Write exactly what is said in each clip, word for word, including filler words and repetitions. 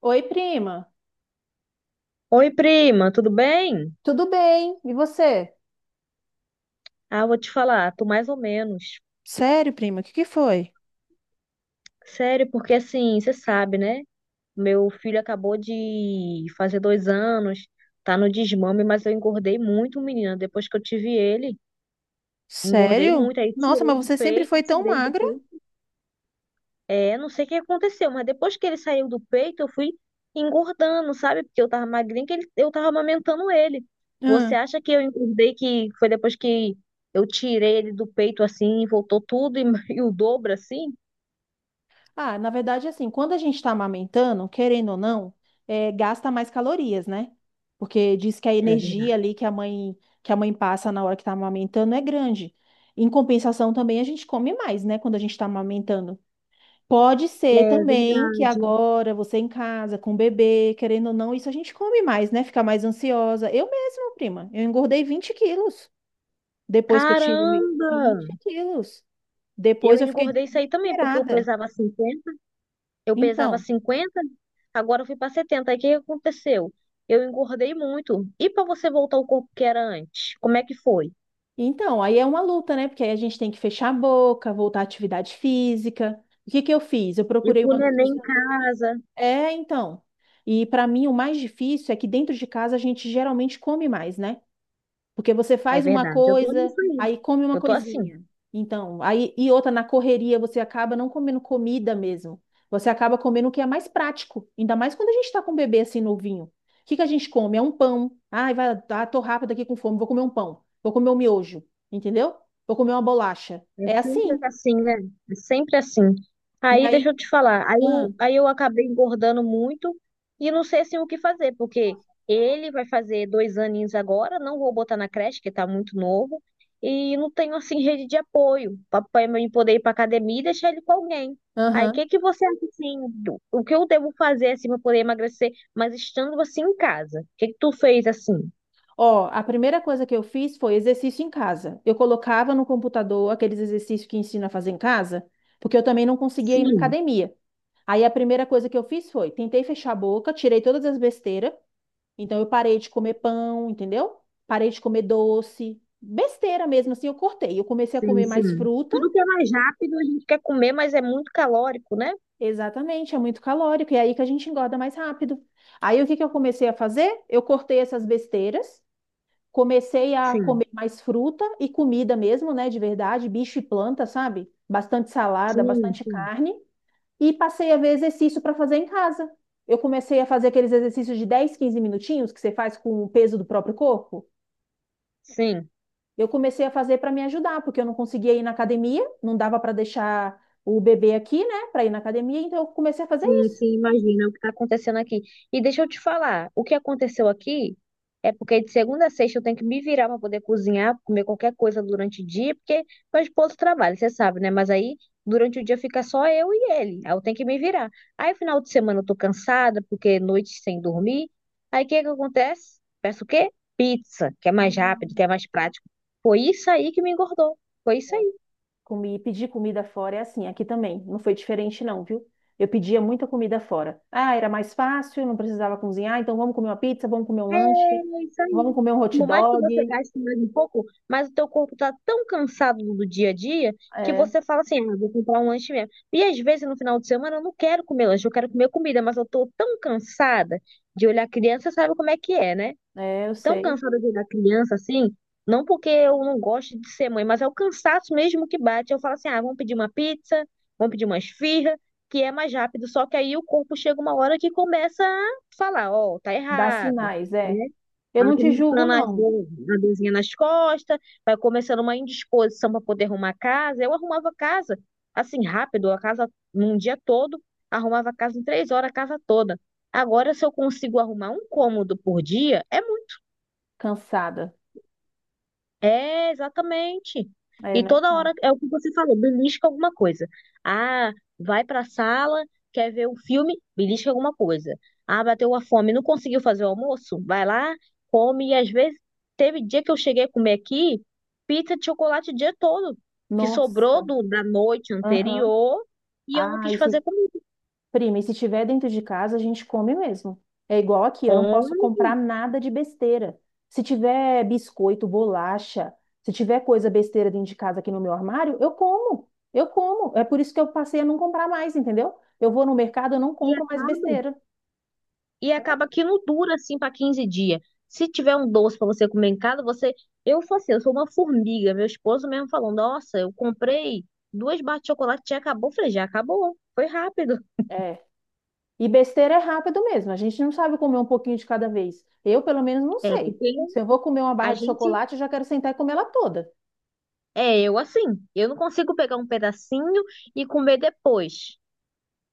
Oi, prima. Oi, prima, tudo bem? Tudo bem? E você? Ah, vou te falar, tô mais ou menos. Sério, prima? O que que foi? Sério, porque assim, você sabe, né? Meu filho acabou de fazer dois anos, tá no desmame, mas eu engordei muito, menina. Depois que eu tive ele, engordei Sério? muito. Aí Nossa, tirei mas do você sempre peito, foi tão tirei do magra? peito. É, não sei o que aconteceu, mas depois que ele saiu do peito, eu fui engordando, sabe? Porque eu tava magrinha, que ele- eu tava amamentando ele. Você Ah, acha que eu engordei que foi depois que eu tirei ele do peito assim, e voltou tudo e, e o dobro assim? Ah, na verdade, assim, quando a gente está amamentando, querendo ou não, eh, gasta mais calorias, né? Porque diz que a É energia verdade. ali que a mãe que a mãe passa na hora que está amamentando é grande. Em compensação, também a gente come mais, né? Quando a gente está amamentando. Pode ser É também que verdade. agora você em casa com o bebê, querendo ou não, isso a gente come mais, né? Fica mais ansiosa. Eu mesma, prima, eu engordei vinte quilos depois que eu tive o meu- Caramba! vinte quilos. Eu Depois eu fiquei engordei isso aí também, porque eu desesperada. pesava cinquenta, eu pesava Então, cinquenta, agora eu fui para setenta. Aí o que que aconteceu? Eu engordei muito. E para você voltar ao corpo que era antes? Como é que foi? então, aí é uma luta, né? Porque aí a gente tem que fechar a boca, voltar à atividade física. O que que eu fiz? Eu E procurei com o uma neném em nutricionista. casa. É, então. E para mim o mais difícil é que dentro de casa a gente geralmente come mais, né? Porque você É faz uma verdade, eu tô coisa, nisso aí. aí come uma Eu tô assim. coisinha. Então, aí e outra na correria, você acaba não comendo comida mesmo. Você acaba comendo o que é mais prático, ainda mais quando a gente está com um bebê assim novinho. O que que a gente come? É um pão. Ai, vai, ah, tô rápida aqui com fome, vou comer um pão. Vou comer um miojo, entendeu? Vou comer uma bolacha. É É sempre assim. assim, né? É sempre assim. E Aí, deixa aí, eu te falar. Aí ah, eu, aí eu acabei engordando muito e não sei assim o que fazer, porque ele vai fazer dois aninhos agora, não vou botar na creche, que tá muito novo, e não tenho assim rede de apoio para mim poder ir pra academia e deixar ele com alguém. Aí, o aham. que que você acha assim, do- o que eu devo fazer assim para poder emagrecer, mas estando assim em casa? O que que tu fez assim? Ó, a primeira coisa que eu fiz foi exercício em casa. Eu colocava no computador aqueles exercícios que ensina a fazer em casa, porque eu também não conseguia ir na Sim. academia. Aí a primeira coisa que eu fiz foi, tentei fechar a boca, tirei todas as besteiras. Então eu parei de comer pão, entendeu? Parei de comer doce, besteira mesmo, assim eu cortei. Eu comecei a Sim, comer mais sim. fruta, Tudo que é mais rápido a gente quer comer, mas é muito calórico, né? exatamente, é muito calórico, e é aí que a gente engorda mais rápido. Aí o que que eu comecei a fazer? Eu cortei essas besteiras. Comecei a Sim, comer mais fruta e comida mesmo, né, de verdade, bicho e planta, sabe? Bastante salada, sim, bastante sim. carne. E passei a ver exercício para fazer em casa. Eu comecei a fazer aqueles exercícios de dez, quinze minutinhos que você faz com o peso do próprio corpo. Sim. Eu comecei a fazer para me ajudar, porque eu não conseguia ir na academia, não dava para deixar o bebê aqui, né, para ir na academia, então eu comecei a fazer Sim, isso. sim, imagina o que está acontecendo aqui. E deixa eu te falar, o que aconteceu aqui é porque de segunda a sexta eu tenho que me virar para poder cozinhar, comer qualquer coisa durante o dia, porque meu esposo trabalha, você sabe, né? Mas aí durante o dia fica só eu e ele, aí eu tenho que me virar. Aí final de semana eu tô cansada, porque noite sem dormir. Aí o que que acontece? Peço o quê? Pizza, que é mais rápido, Hum. que é mais prático. Foi isso aí que me engordou. Foi isso aí. Comi, pedir comida fora é assim, aqui também. Não foi diferente, não, viu? Eu pedia muita comida fora. Ah, era mais fácil, não precisava cozinhar, então vamos comer uma pizza, vamos comer um lanche, É isso vamos aí. comer um hot Por mais que você dog. gaste mais um pouco, mas o teu corpo tá tão cansado do dia a dia que É, você fala assim, ah, vou comprar um lanche mesmo. E às vezes no final de semana eu não quero comer lanche, eu quero comer comida, mas eu tô tão cansada de olhar criança, sabe como é que é, né? é, eu Tão sei. cansada de olhar criança assim, não porque eu não gosto de ser mãe, mas é o cansaço mesmo que bate. Eu falo assim, ah, vamos pedir uma pizza, vamos pedir uma esfirra, que é mais rápido. Só que aí o corpo chega uma hora que começa a falar, ó, tá Dá errado, sinais, é. né? Eu Vai não te julgo, começando as não, dor- A dorzinha nas costas, vai começando uma indisposição para poder arrumar a casa. Eu arrumava a casa assim rápido, a casa num dia todo, arrumava a casa em três horas, a casa toda. Agora, se eu consigo arrumar um cômodo por dia, é cansada. é, exatamente. É, E né? toda Não. hora é o que você falou, belisca alguma coisa. Ah, vai pra sala, quer ver um filme, belisca alguma coisa. Ah, bateu uma fome, não conseguiu fazer o almoço? Vai lá, come. E às vezes, teve dia que eu cheguei a comer aqui pizza de chocolate o dia todo, que sobrou Nossa. do- da noite Aham. anterior e eu não Ah, quis isso. fazer comigo. Prima, e se tiver dentro de casa, a gente come mesmo. É igual aqui, eu não Come posso comprar nada de besteira. Se tiver biscoito, bolacha, se tiver coisa besteira dentro de casa aqui no meu armário, eu como. Eu como. É por isso que eu passei a não comprar mais, entendeu? Eu vou no mercado, eu não e compro mais acaba. besteira. E acaba que não dura assim para quinze dias. Se tiver um doce para você comer em casa, você. Eu sou assim, eu sou uma formiga. Meu esposo mesmo falou: Nossa, eu comprei duas barras de chocolate, já acabou. Eu falei: Já acabou, foi rápido. É. E besteira é rápido mesmo. A gente não sabe comer um pouquinho de cada vez. Eu, pelo menos, não É, sei. porque Se eu vou comer uma a barra de gente. chocolate, eu já quero sentar e comer ela toda. É, eu assim, eu não consigo pegar um pedacinho e comer depois.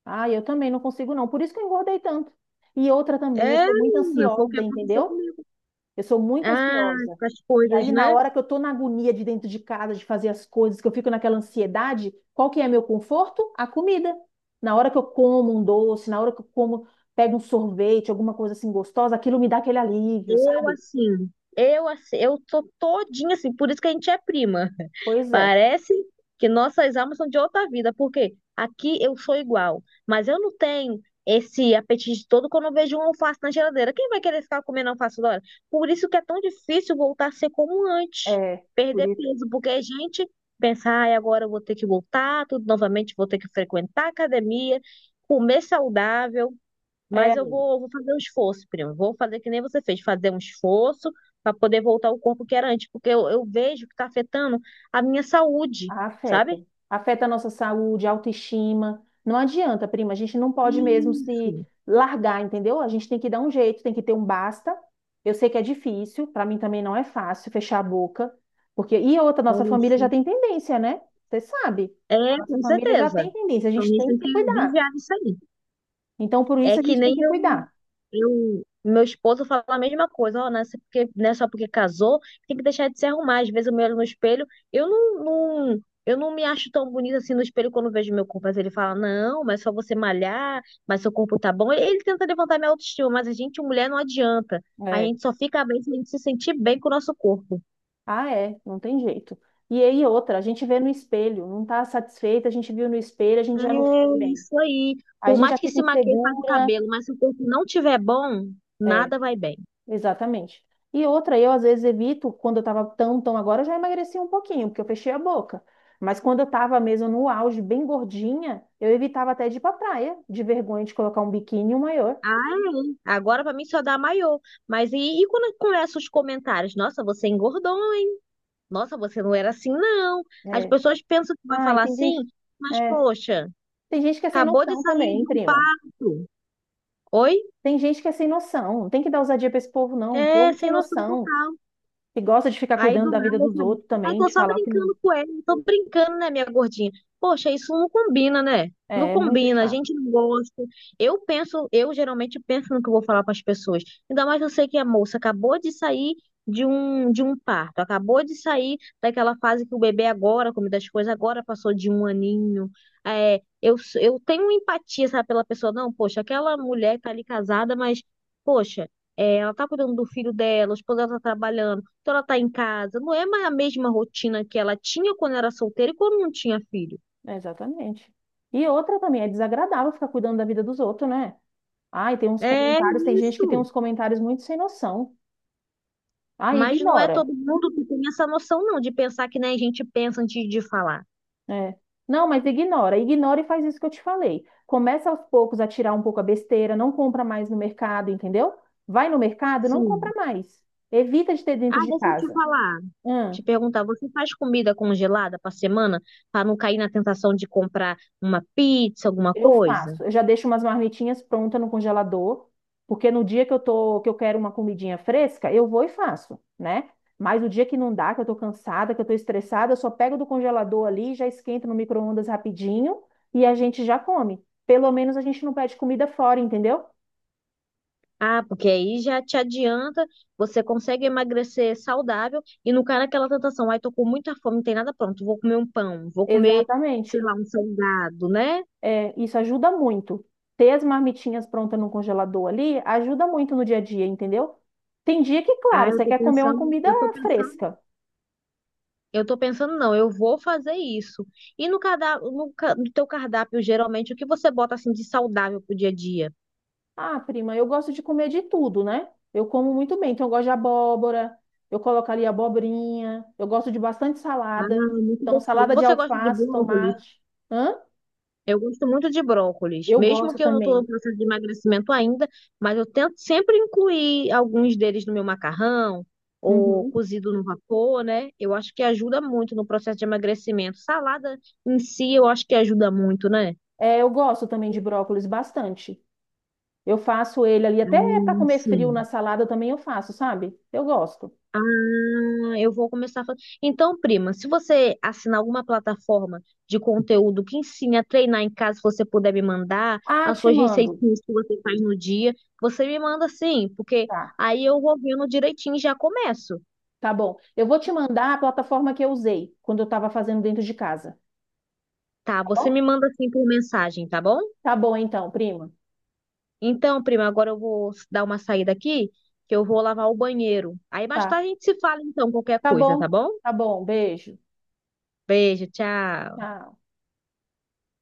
Ah, eu também não consigo, não. Por isso que eu engordei tanto. E outra também, eu É, sou muito menina, foi o que ansiosa, aconteceu entendeu? comigo. Eu sou muito Ah, ansiosa. com as E coisas, aí, na né? hora que eu tô na agonia de dentro de casa, de fazer as coisas, que eu fico naquela ansiedade, qual que é meu conforto? A comida. Na hora que eu como um doce, na hora que eu como, pego um sorvete, alguma coisa assim gostosa, aquilo me dá aquele alívio, Eu sabe? assim, eu assim, eu tô todinha assim, por isso que a gente é prima. Pois é. Parece que nossas almas são de outra vida, porque aqui eu sou igual, mas eu não tenho esse apetite todo quando eu vejo um alface na geladeira. Quem vai querer ficar comendo alface toda hora? Por isso que é tão difícil voltar a ser como antes, É, por perder isso. peso, porque a gente pensa, ai, agora eu vou ter que voltar, tudo novamente, vou ter que frequentar a academia, comer saudável. É, Mas eu vou, vou fazer um esforço, primo. Vou fazer que nem você fez, fazer um esforço para poder voltar ao corpo que era antes, porque eu, eu vejo que está afetando a minha saúde, sabe? afeta. Afeta a nossa saúde, autoestima. Não adianta, prima. A gente não pode mesmo se Isso, largar, entendeu? A gente tem que dar um jeito, tem que ter um basta. Eu sei que é difícil, para mim também não é fácil fechar a boca, porque e outra, nossa família isso. já tem tendência, né? Você sabe, a É, nossa com família já certeza. tem tendência, a Então, gente isso tem que tem se que cuidar. vigiar isso aí. Então, por É isso a que gente tem nem que cuidar. Eu, meu esposo fala a mesma coisa, ó, não é só porque, não é só porque casou, tem que deixar de se arrumar. Às vezes eu me olho no espelho, eu não, não- eu não me acho tão bonita assim no espelho quando vejo meu corpo. Mas ele fala, não, mas só você malhar, mas seu corpo tá bom. Ele, ele tenta levantar minha autoestima, mas a gente, mulher, não adianta. A É. gente só fica bem se a gente se sentir bem com o nosso corpo. Ah, é, não tem jeito. E aí outra, a gente vê no espelho, não tá satisfeita, a gente viu no espelho, a gente já não fica É bem. isso aí. A Por gente mais já que fica se maqueie, faz o insegura, cabelo, mas se o corpo não tiver bom, é, nada vai bem. exatamente. E outra, eu às vezes evito, quando eu tava tão, tão agora, eu já emagreci um pouquinho, porque eu fechei a boca. Mas quando eu tava mesmo no auge, bem gordinha, eu evitava até de ir pra praia, de vergonha de colocar um biquíni e um maiô. Ah, é. Agora pra mim só dá maiô. Mas e, e quando começam os comentários? Nossa, você engordou, hein? Nossa, você não era assim, não. As É. pessoas pensam que vai Ai, falar tem assim, gente. mas É, poxa, tem gente que é sem acabou de noção sair também, de um prima. parto. Oi? Tem gente que é sem noção. Não tem que dar ousadia pra esse povo, não. O É, povo sem sem noção noção. total. Que gosta de ficar Aí cuidando do da vida nada, dos sabe? outros Aí também, tô de só falar que não. brincando com ele, tô brincando, né, minha gordinha? Poxa, isso não combina, né? Não É, é muito combina, a chato. gente não gosta. Eu penso, eu geralmente penso no que eu vou falar para as pessoas. Ainda mais eu sei que a moça acabou de sair de um, de um parto, acabou de sair daquela fase que o bebê agora, come das coisas, agora passou de um aninho. É, eu, eu tenho empatia, sabe, pela pessoa. Não, poxa, aquela mulher tá ali casada, mas, poxa, é, ela tá cuidando do filho dela, o esposo dela tá trabalhando. Então ela tá em casa. Não é mais a mesma rotina que ela tinha quando era solteira e quando não tinha filho. Exatamente. E outra também, é desagradável ficar cuidando da vida dos outros, né? Ai, tem uns É comentários, tem gente que tem isso. uns comentários muito sem noção. Ai, Mas não é ignora. todo mundo que tem essa noção, não, de pensar que nem a gente pensa antes de falar. É. Não, mas ignora, ignora e faz isso que eu te falei. Começa aos poucos a tirar um pouco a besteira, não compra mais no mercado, entendeu? Vai no mercado, não compra Sim. mais. Evita de ter Ah, dentro de deixa eu te casa. falar. Hum. Te perguntar, você faz comida congelada para semana para não cair na tentação de comprar uma pizza, alguma Eu coisa? faço. Eu já deixo umas marmitinhas prontas no congelador, porque no dia que eu tô, que eu quero uma comidinha fresca, eu vou e faço, né? Mas o dia que não dá, que eu tô cansada, que eu tô estressada, eu só pego do congelador ali, já esquento no micro-ondas rapidinho e a gente já come. Pelo menos a gente não pede comida fora, entendeu? Ah, porque aí já te adianta, você consegue emagrecer saudável e não cai naquela tentação. Ai, tô com muita fome, não tem nada pronto. Vou comer um pão, vou comer, sei Exatamente. lá, um salgado, né? É, isso ajuda muito. Ter as marmitinhas prontas no congelador ali ajuda muito no dia a dia, entendeu? Tem dia que, Ah, claro, eu você tô quer comer uma pensando, comida eu tô pensando, fresca. eu tô pensando, não, eu vou fazer isso. E no cardápio, no, ca- no teu cardápio, geralmente, o que você bota assim de saudável pro dia a dia? Ah, prima, eu gosto de comer de tudo, né? Eu como muito bem, então eu gosto de abóbora, eu coloco ali abobrinha, eu gosto de bastante salada. Ah, muito Então, gostoso. salada de Você gosta de alface, brócolis? tomate. Hã? Eu gosto muito de brócolis, Eu mesmo gosto que eu não estou também. no processo de emagrecimento ainda, mas eu tento sempre incluir alguns deles no meu macarrão ou Uhum. cozido no vapor, né? Eu acho que ajuda muito no processo de emagrecimento. Salada em si, eu acho que ajuda muito, né? É, eu gosto também de brócolis bastante. Eu faço ele ali, até para Hum, comer frio sim. na salada também eu faço, sabe? Eu gosto. Ah, eu vou começar a fazer. Então, prima, se você assinar alguma plataforma de conteúdo que ensine a treinar em casa, se você puder me mandar Ah, as te suas mando. receitinhas que você faz no dia, você me manda sim, porque Tá, aí eu vou vendo direitinho e já começo, tá bom. Eu vou te mandar a plataforma que eu usei quando eu estava fazendo dentro de casa, tá? tá Você bom? me manda assim por mensagem, tá bom? Tá bom então, prima. Então, prima, agora eu vou dar uma saída aqui, que eu vou lavar o banheiro. Aí mais Tá. tarde a gente se fala, então, qualquer Tá coisa, tá bom, bom? tá bom. Beijo. Beijo, tchau. Tchau.